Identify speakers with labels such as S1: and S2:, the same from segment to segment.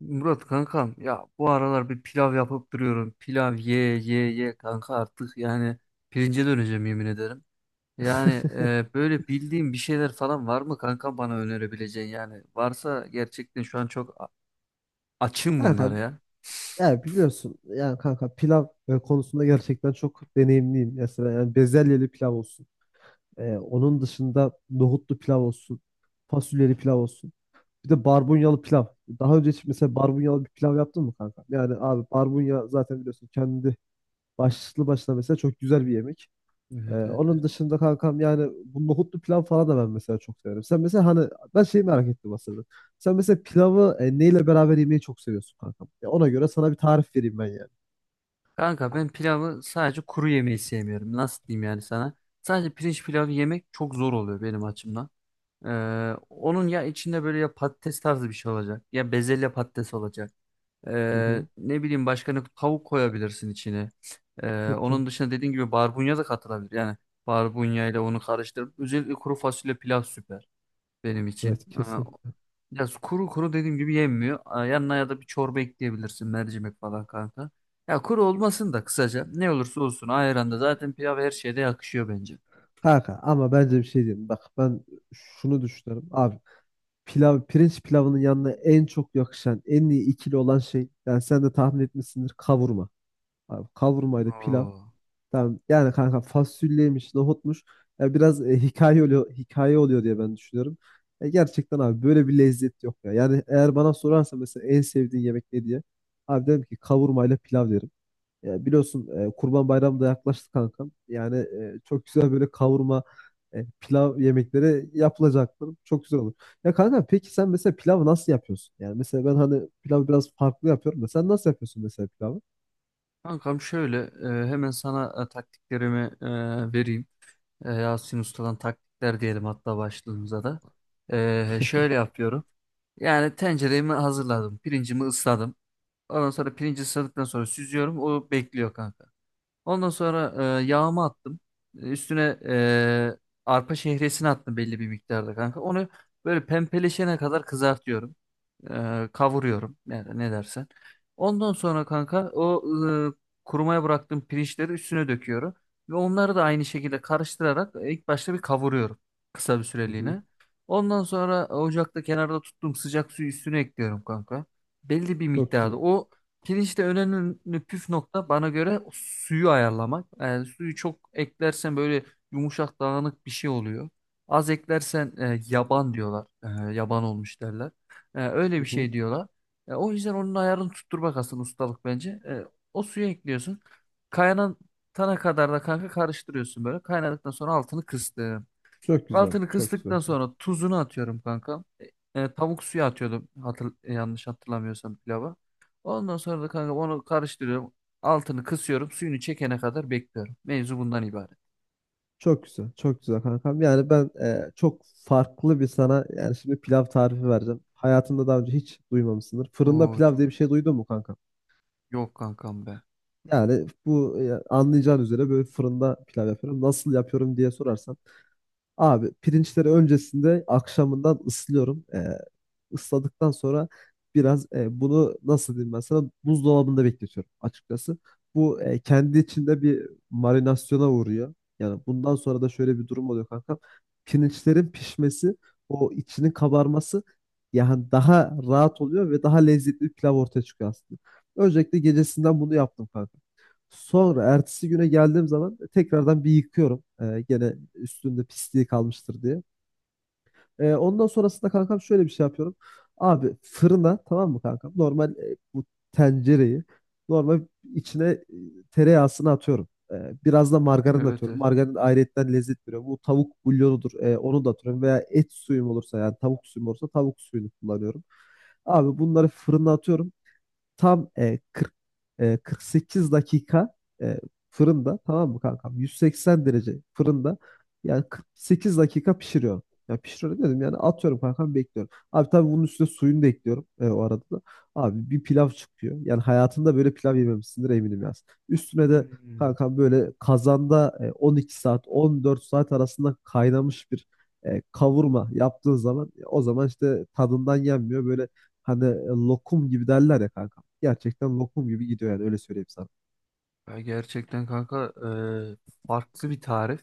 S1: Murat kankam ya bu aralar bir pilav yapıp duruyorum. Pilav ye ye ye kanka artık yani pirince döneceğim yemin ederim. Yani böyle bildiğim bir şeyler falan var mı kanka bana önerebileceğin yani. Varsa gerçekten şu an çok açım
S2: Kanka
S1: bunlara ya.
S2: ya biliyorsun yani kanka pilav konusunda gerçekten çok deneyimliyim. Mesela yani bezelyeli pilav olsun. Onun dışında nohutlu pilav olsun. Fasulyeli pilav olsun. Bir de barbunyalı pilav. Daha önce hiç mesela barbunyalı bir pilav yaptın mı kanka? Yani abi barbunya zaten biliyorsun kendi başlı başına mesela çok güzel bir yemek.
S1: Evet, evet, evet.
S2: Onun dışında kankam yani bu nohutlu pilav falan da ben mesela çok severim. Sen mesela hani ben şeyi merak ettim aslında. Sen mesela pilavı neyle beraber yemeyi çok seviyorsun kankam? Ya ona göre sana bir tarif vereyim ben yani.
S1: Kanka ben pilavı sadece kuru yemeyi sevmiyorum. Nasıl diyeyim yani sana? Sadece pirinç pilavı yemek çok zor oluyor benim açımdan. Onun ya içinde böyle ya patates tarzı bir şey olacak ya bezelye patates olacak.
S2: Hı hı.
S1: Ne bileyim başka ne tavuk koyabilirsin içine.
S2: Çok güzel.
S1: Onun dışında dediğin gibi barbunya da katılabilir. Yani barbunya ile onu karıştırıp özellikle kuru fasulye pilav süper benim için.
S2: Evet kesinlikle.
S1: Ya kuru kuru dediğim gibi yenmiyor. Yanına ya da bir çorba ekleyebilirsin mercimek falan kanka. Ya kuru olmasın da kısaca ne olursa olsun ayranda zaten pilav her şeyde yakışıyor bence.
S2: Kanka ama bence bir şey diyeyim. Bak ben şunu düşünüyorum. Abi pilav, pirinç pilavının yanına en çok yakışan, en iyi ikili olan şey. Yani sen de tahmin etmişsindir kavurma. Abi kavurmayla pilav.
S1: Oo.
S2: Tamam. Yani kanka fasulyeymiş, nohutmuş. Ya biraz hikaye oluyor, hikaye oluyor diye ben düşünüyorum. Gerçekten abi böyle bir lezzet yok ya. Yani eğer bana sorarsa mesela en sevdiğin yemek ne diye. Abi derim ki kavurma ile pilav derim. Ya biliyorsun Kurban Bayramı da yaklaştı kankam. Yani çok güzel böyle kavurma, pilav yemekleri yapılacaktır. Çok güzel olur. Ya kanka peki sen mesela pilavı nasıl yapıyorsun? Yani mesela ben hani pilavı biraz farklı yapıyorum da sen nasıl yapıyorsun mesela pilavı?
S1: Kankam şöyle hemen sana taktiklerimi vereyim. Yasin Usta'dan taktikler diyelim hatta başlığımıza da. Şöyle yapıyorum. Yani tenceremi hazırladım. Pirincimi ısladım. Ondan sonra pirinci ısladıktan sonra süzüyorum. O bekliyor kanka. Ondan sonra yağımı attım. Üstüne arpa şehresini attım belli bir miktarda kanka. Onu böyle pembeleşene kadar kızartıyorum, kavuruyorum yani ne dersen. Ondan sonra kanka o kurumaya bıraktığım pirinçleri üstüne döküyorum ve onları da aynı şekilde karıştırarak ilk başta bir kavuruyorum, kısa bir
S2: Hı hı.
S1: süreliğine. Ondan sonra ocakta kenarda tuttuğum sıcak suyu üstüne ekliyorum kanka. Belli bir
S2: Çok
S1: miktarda.
S2: güzel.
S1: O pirinçte önemli püf nokta bana göre suyu ayarlamak. Yani suyu çok eklersen böyle yumuşak dağınık bir şey oluyor. Az eklersen yaban diyorlar. Yaban olmuş derler. Öyle
S2: Hı
S1: bir
S2: hı.
S1: şey diyorlar. O yüzden onun ayarını tutturmak aslında ustalık bence. O suyu ekliyorsun. Kaynatana kadar da kanka karıştırıyorsun böyle. Kaynadıktan sonra altını kıstım.
S2: Çok güzel,
S1: Altını
S2: çok güzel.
S1: kıstıktan sonra tuzunu atıyorum kanka. Tavuk suyu atıyordum yanlış hatırlamıyorsam pilava. Ondan sonra da kanka onu karıştırıyorum. Altını kısıyorum. Suyunu çekene kadar bekliyorum. Mevzu bundan ibaret.
S2: Çok güzel, çok güzel kankam. Yani ben çok farklı bir sana yani şimdi pilav tarifi vereceğim. Hayatımda daha önce hiç duymamışsındır. Fırında
S1: Oo
S2: pilav
S1: çok
S2: diye bir şey duydun mu kanka?
S1: yok kankam be.
S2: Yani bu anlayacağın üzere böyle fırında pilav yapıyorum. Nasıl yapıyorum diye sorarsan abi pirinçleri öncesinde akşamından ıslıyorum. Isladıktan sonra biraz bunu nasıl diyeyim ben sana buzdolabında bekletiyorum açıkçası. Bu kendi içinde bir marinasyona uğruyor. Yani bundan sonra da şöyle bir durum oluyor kankam. Pirinçlerin pişmesi, o içinin kabarması yani daha rahat oluyor ve daha lezzetli bir pilav ortaya çıkıyor aslında. Öncelikle gecesinden bunu yaptım kanka. Sonra ertesi güne geldiğim zaman tekrardan bir yıkıyorum. Gene üstünde pisliği kalmıştır diye. Ondan sonrasında kankam şöyle bir şey yapıyorum. Abi fırına tamam mı kankam? Normal bu tencereyi normal içine tereyağısını atıyorum. Biraz da margarin
S1: Evet,
S2: atıyorum.
S1: evet.
S2: Margarin ayrıyetten lezzet veriyor. Bu tavuk bulyonudur. Onu da atıyorum. Veya et suyum olursa yani tavuk suyum olursa tavuk suyunu kullanıyorum. Abi bunları fırına atıyorum. Tam 40, 48 dakika e, fırında tamam mı kankam? 180 derece fırında yani 48 dakika pişiriyorum. Ya pişiriyorum dedim yani atıyorum kankam bekliyorum. Abi tabii bunun üstüne suyunu da ekliyorum o arada da. Abi bir pilav çıkıyor. Yani hayatında böyle pilav yememişsindir eminim yaz. Üstüne de
S1: Hmm.
S2: kankam böyle kazanda 12 saat 14 saat arasında kaynamış bir kavurma yaptığın zaman o zaman işte tadından yenmiyor. Böyle hani lokum gibi derler ya kanka gerçekten lokum gibi gidiyor yani öyle söyleyeyim sana.
S1: Ya gerçekten kanka e, farklı bir tarif.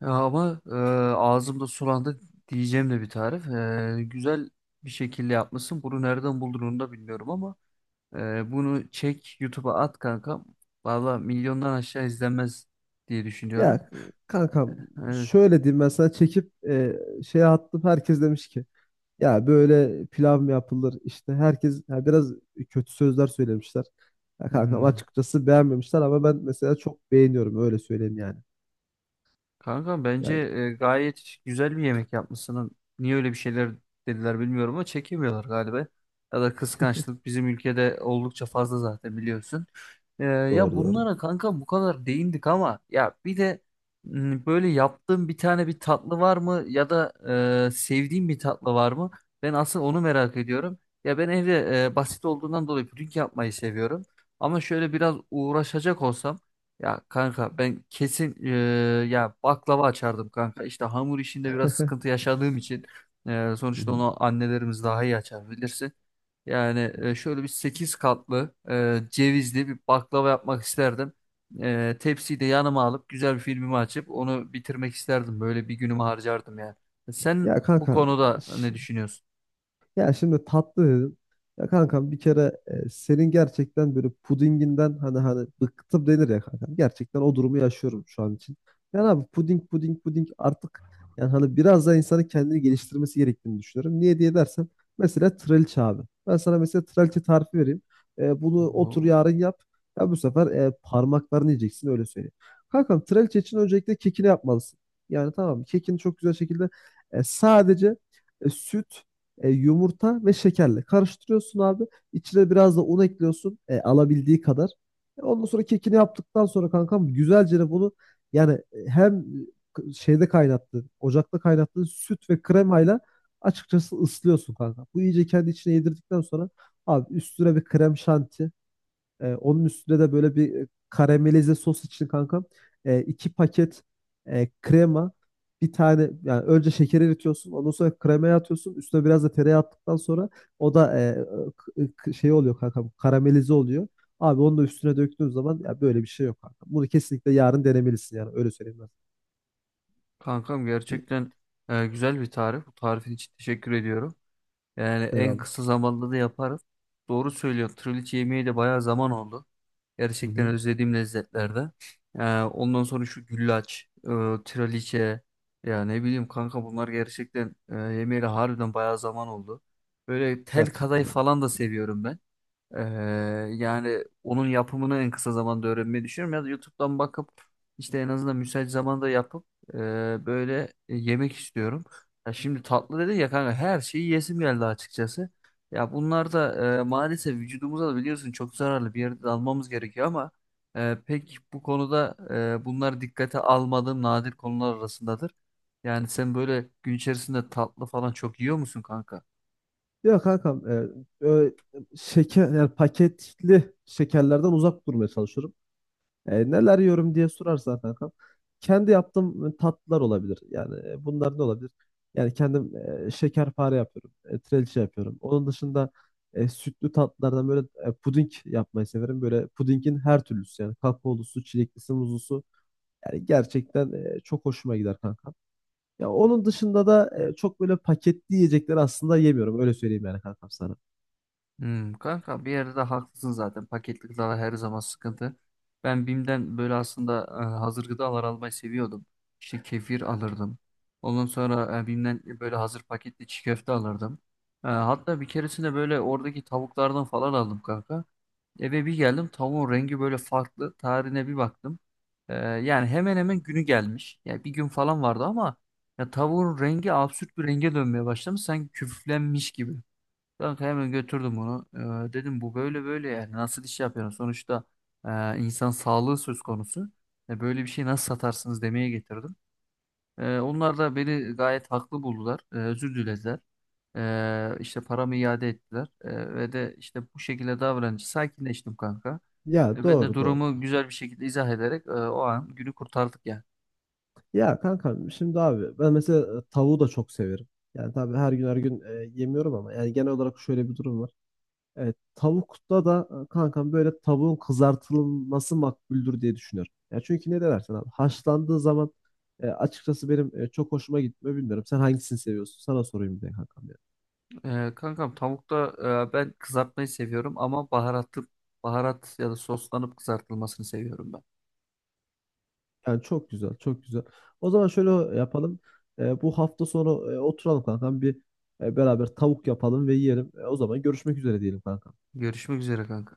S1: Ya ama ağzımda sulandı diyeceğim de bir tarif. Güzel bir şekilde yapmışsın. Bunu nereden buldun onu da bilmiyorum ama bunu çek YouTube'a at kanka. Valla milyondan aşağı izlenmez diye düşünüyorum.
S2: Ya kankam
S1: Evet.
S2: şöyle diyeyim ben sana çekip şeye attım herkes demiş ki ya böyle pilav mı yapılır işte herkes ya biraz kötü sözler söylemişler. Ya kankam
S1: Hmm.
S2: açıkçası beğenmemişler ama ben mesela çok beğeniyorum öyle söyleyeyim yani.
S1: Kanka bence
S2: Yani
S1: gayet güzel bir yemek yapmışsın. Niye öyle bir şeyler dediler bilmiyorum ama çekemiyorlar galiba. Ya da kıskançlık bizim ülkede oldukça fazla zaten biliyorsun. Ya
S2: doğru doğru.
S1: bunlara kanka bu kadar değindik ama ya bir de böyle yaptığım bir tane bir tatlı var mı ya da sevdiğim bir tatlı var mı? Ben asıl onu merak ediyorum. Ya ben evde basit olduğundan dolayı puding yapmayı seviyorum. Ama şöyle biraz uğraşacak olsam ya kanka ben kesin ya baklava açardım kanka. İşte hamur işinde biraz sıkıntı yaşadığım için
S2: Hı
S1: sonuçta
S2: hı.
S1: onu annelerimiz daha iyi açar bilirsin. Yani şöyle bir 8 katlı cevizli bir baklava yapmak isterdim. Tepsiyi de yanıma alıp güzel bir filmimi açıp onu bitirmek isterdim. Böyle bir günümü harcardım yani. Sen
S2: Ya
S1: bu
S2: kanka
S1: konuda ne
S2: ş-
S1: düşünüyorsun?
S2: ya şimdi tatlı dedim. Ya kankam bir kere senin gerçekten böyle pudinginden hani hani bıktım denir ya kankam. Gerçekten o durumu yaşıyorum şu an için. Yani abi puding puding puding artık yani hani biraz daha insanın kendini geliştirmesi gerektiğini düşünüyorum. Niye diye dersen mesela trileçe abi. Ben sana mesela trileçe tarifi vereyim. Bunu otur
S1: Oo,
S2: yarın yap. Ya bu sefer parmaklarını yiyeceksin öyle söyleyeyim. Kankam trileçe için öncelikle kekini yapmalısın. Yani tamam kekini çok güzel şekilde sadece süt yumurta ve şekerle karıştırıyorsun abi. İçine biraz da un ekliyorsun alabildiği kadar. Ondan sonra kekini yaptıktan sonra kankam güzelce de bunu yani hem şeyde kaynattığın, ocakta kaynattığın süt ve kremayla açıkçası ıslıyorsun kanka. Bu iyice kendi içine yedirdikten sonra abi üstüne bir krem şanti onun üstüne de böyle bir karamelize sos için kankam iki paket krema bir tane yani önce şekeri eritiyorsun ondan sonra kremaya atıyorsun üstüne biraz da tereyağı attıktan sonra o da şey oluyor kankam karamelize oluyor. Abi onu da üstüne döktüğün zaman ya böyle bir şey yok kankam. Bunu kesinlikle yarın denemelisin yani öyle söyleyeyim ben.
S1: kankam
S2: İyi,
S1: gerçekten güzel bir tarif. Bu tarifin için teşekkür ediyorum. Yani en
S2: eyvallah.
S1: kısa zamanda da yaparız. Doğru söylüyor. Trileçe yemeği de bayağı zaman oldu.
S2: Hı
S1: Gerçekten
S2: hı.
S1: özlediğim lezzetlerde. Ondan sonra şu güllaç, trileçe, ya ne bileyim kanka bunlar gerçekten yemeğiyle harbiden bayağı zaman oldu. Böyle tel
S2: Gerçekten
S1: kadayıf
S2: öyle.
S1: falan da seviyorum ben. Ee, Yani onun yapımını en kısa zamanda öğrenmeyi düşünüyorum ya da YouTube'dan bakıp işte en azından müsait zamanda yapıp e, böyle yemek istiyorum. Ya şimdi tatlı dedi ya kanka her şeyi yesim geldi açıkçası. Ya bunlar da maalesef vücudumuza da biliyorsun çok zararlı bir yerde de almamız gerekiyor ama pek bu konuda bunlar dikkate almadığım nadir konular arasındadır. Yani sen böyle gün içerisinde tatlı falan çok yiyor musun kanka?
S2: Yok kankam ö- şeker yani paketli şekerlerden uzak durmaya çalışıyorum. Neler yiyorum diye sorarsan kankam. Kendi yaptığım tatlılar olabilir. Yani bunlar ne olabilir? Yani kendim şekerpare yapıyorum. Trileçe yapıyorum. Onun dışında sütlü tatlılardan böyle puding yapmayı severim. Böyle pudingin her türlüsü yani kakaolusu, çileklisi, muzlusu. Yani gerçekten çok hoşuma gider kankam. Ya onun dışında da çok böyle paketli yiyecekleri aslında yemiyorum. Öyle söyleyeyim yani kankam sana.
S1: Hmm, kanka bir yerde de haklısın zaten. Paketli gıdalar her zaman sıkıntı. Ben BİM'den böyle aslında hazır gıdalar almayı seviyordum. İşte kefir alırdım. Ondan sonra BİM'den böyle hazır paketli çiğ köfte alırdım. Hatta bir keresinde böyle oradaki tavuklardan falan aldım kanka. Eve bir geldim tavuğun rengi böyle farklı. Tarihine bir baktım. Yani hemen hemen günü gelmiş. Yani bir gün falan vardı ama ya tavuğun rengi absürt bir renge dönmeye başlamış. Sanki küflenmiş gibi. Kanka hemen götürdüm onu. Dedim bu böyle böyle yani nasıl iş yapıyorsun? Sonuçta insan sağlığı söz konusu. Böyle bir şey nasıl satarsınız demeye getirdim. Onlar da beni gayet haklı buldular. Özür dilediler. İşte paramı iade ettiler. Ve de işte bu şekilde davranınca sakinleştim kanka.
S2: Ya
S1: Ben de
S2: doğru doğru.
S1: durumu güzel bir şekilde izah ederek o an günü kurtardık yani.
S2: Ya kankam şimdi abi ben mesela tavuğu da çok severim. Yani tabii her gün her gün yemiyorum ama yani genel olarak şöyle bir durum var. Tavukta da kankam böyle tavuğun kızartılması makbuldür diye düşünüyorum. Ya çünkü ne dersen abi haşlandığı zaman açıkçası benim çok hoşuma gitmiyor bilmiyorum. Sen hangisini seviyorsun? Sana sorayım bir de kankam ya.
S1: Kankam tavukta ben kızartmayı seviyorum ama baharatlı baharat ya da soslanıp kızartılmasını seviyorum ben.
S2: Yani çok güzel, çok güzel. O zaman şöyle yapalım. Bu hafta sonu oturalım kankam bir beraber tavuk yapalım ve yiyelim. O zaman görüşmek üzere diyelim kankam.
S1: Görüşmek üzere kanka.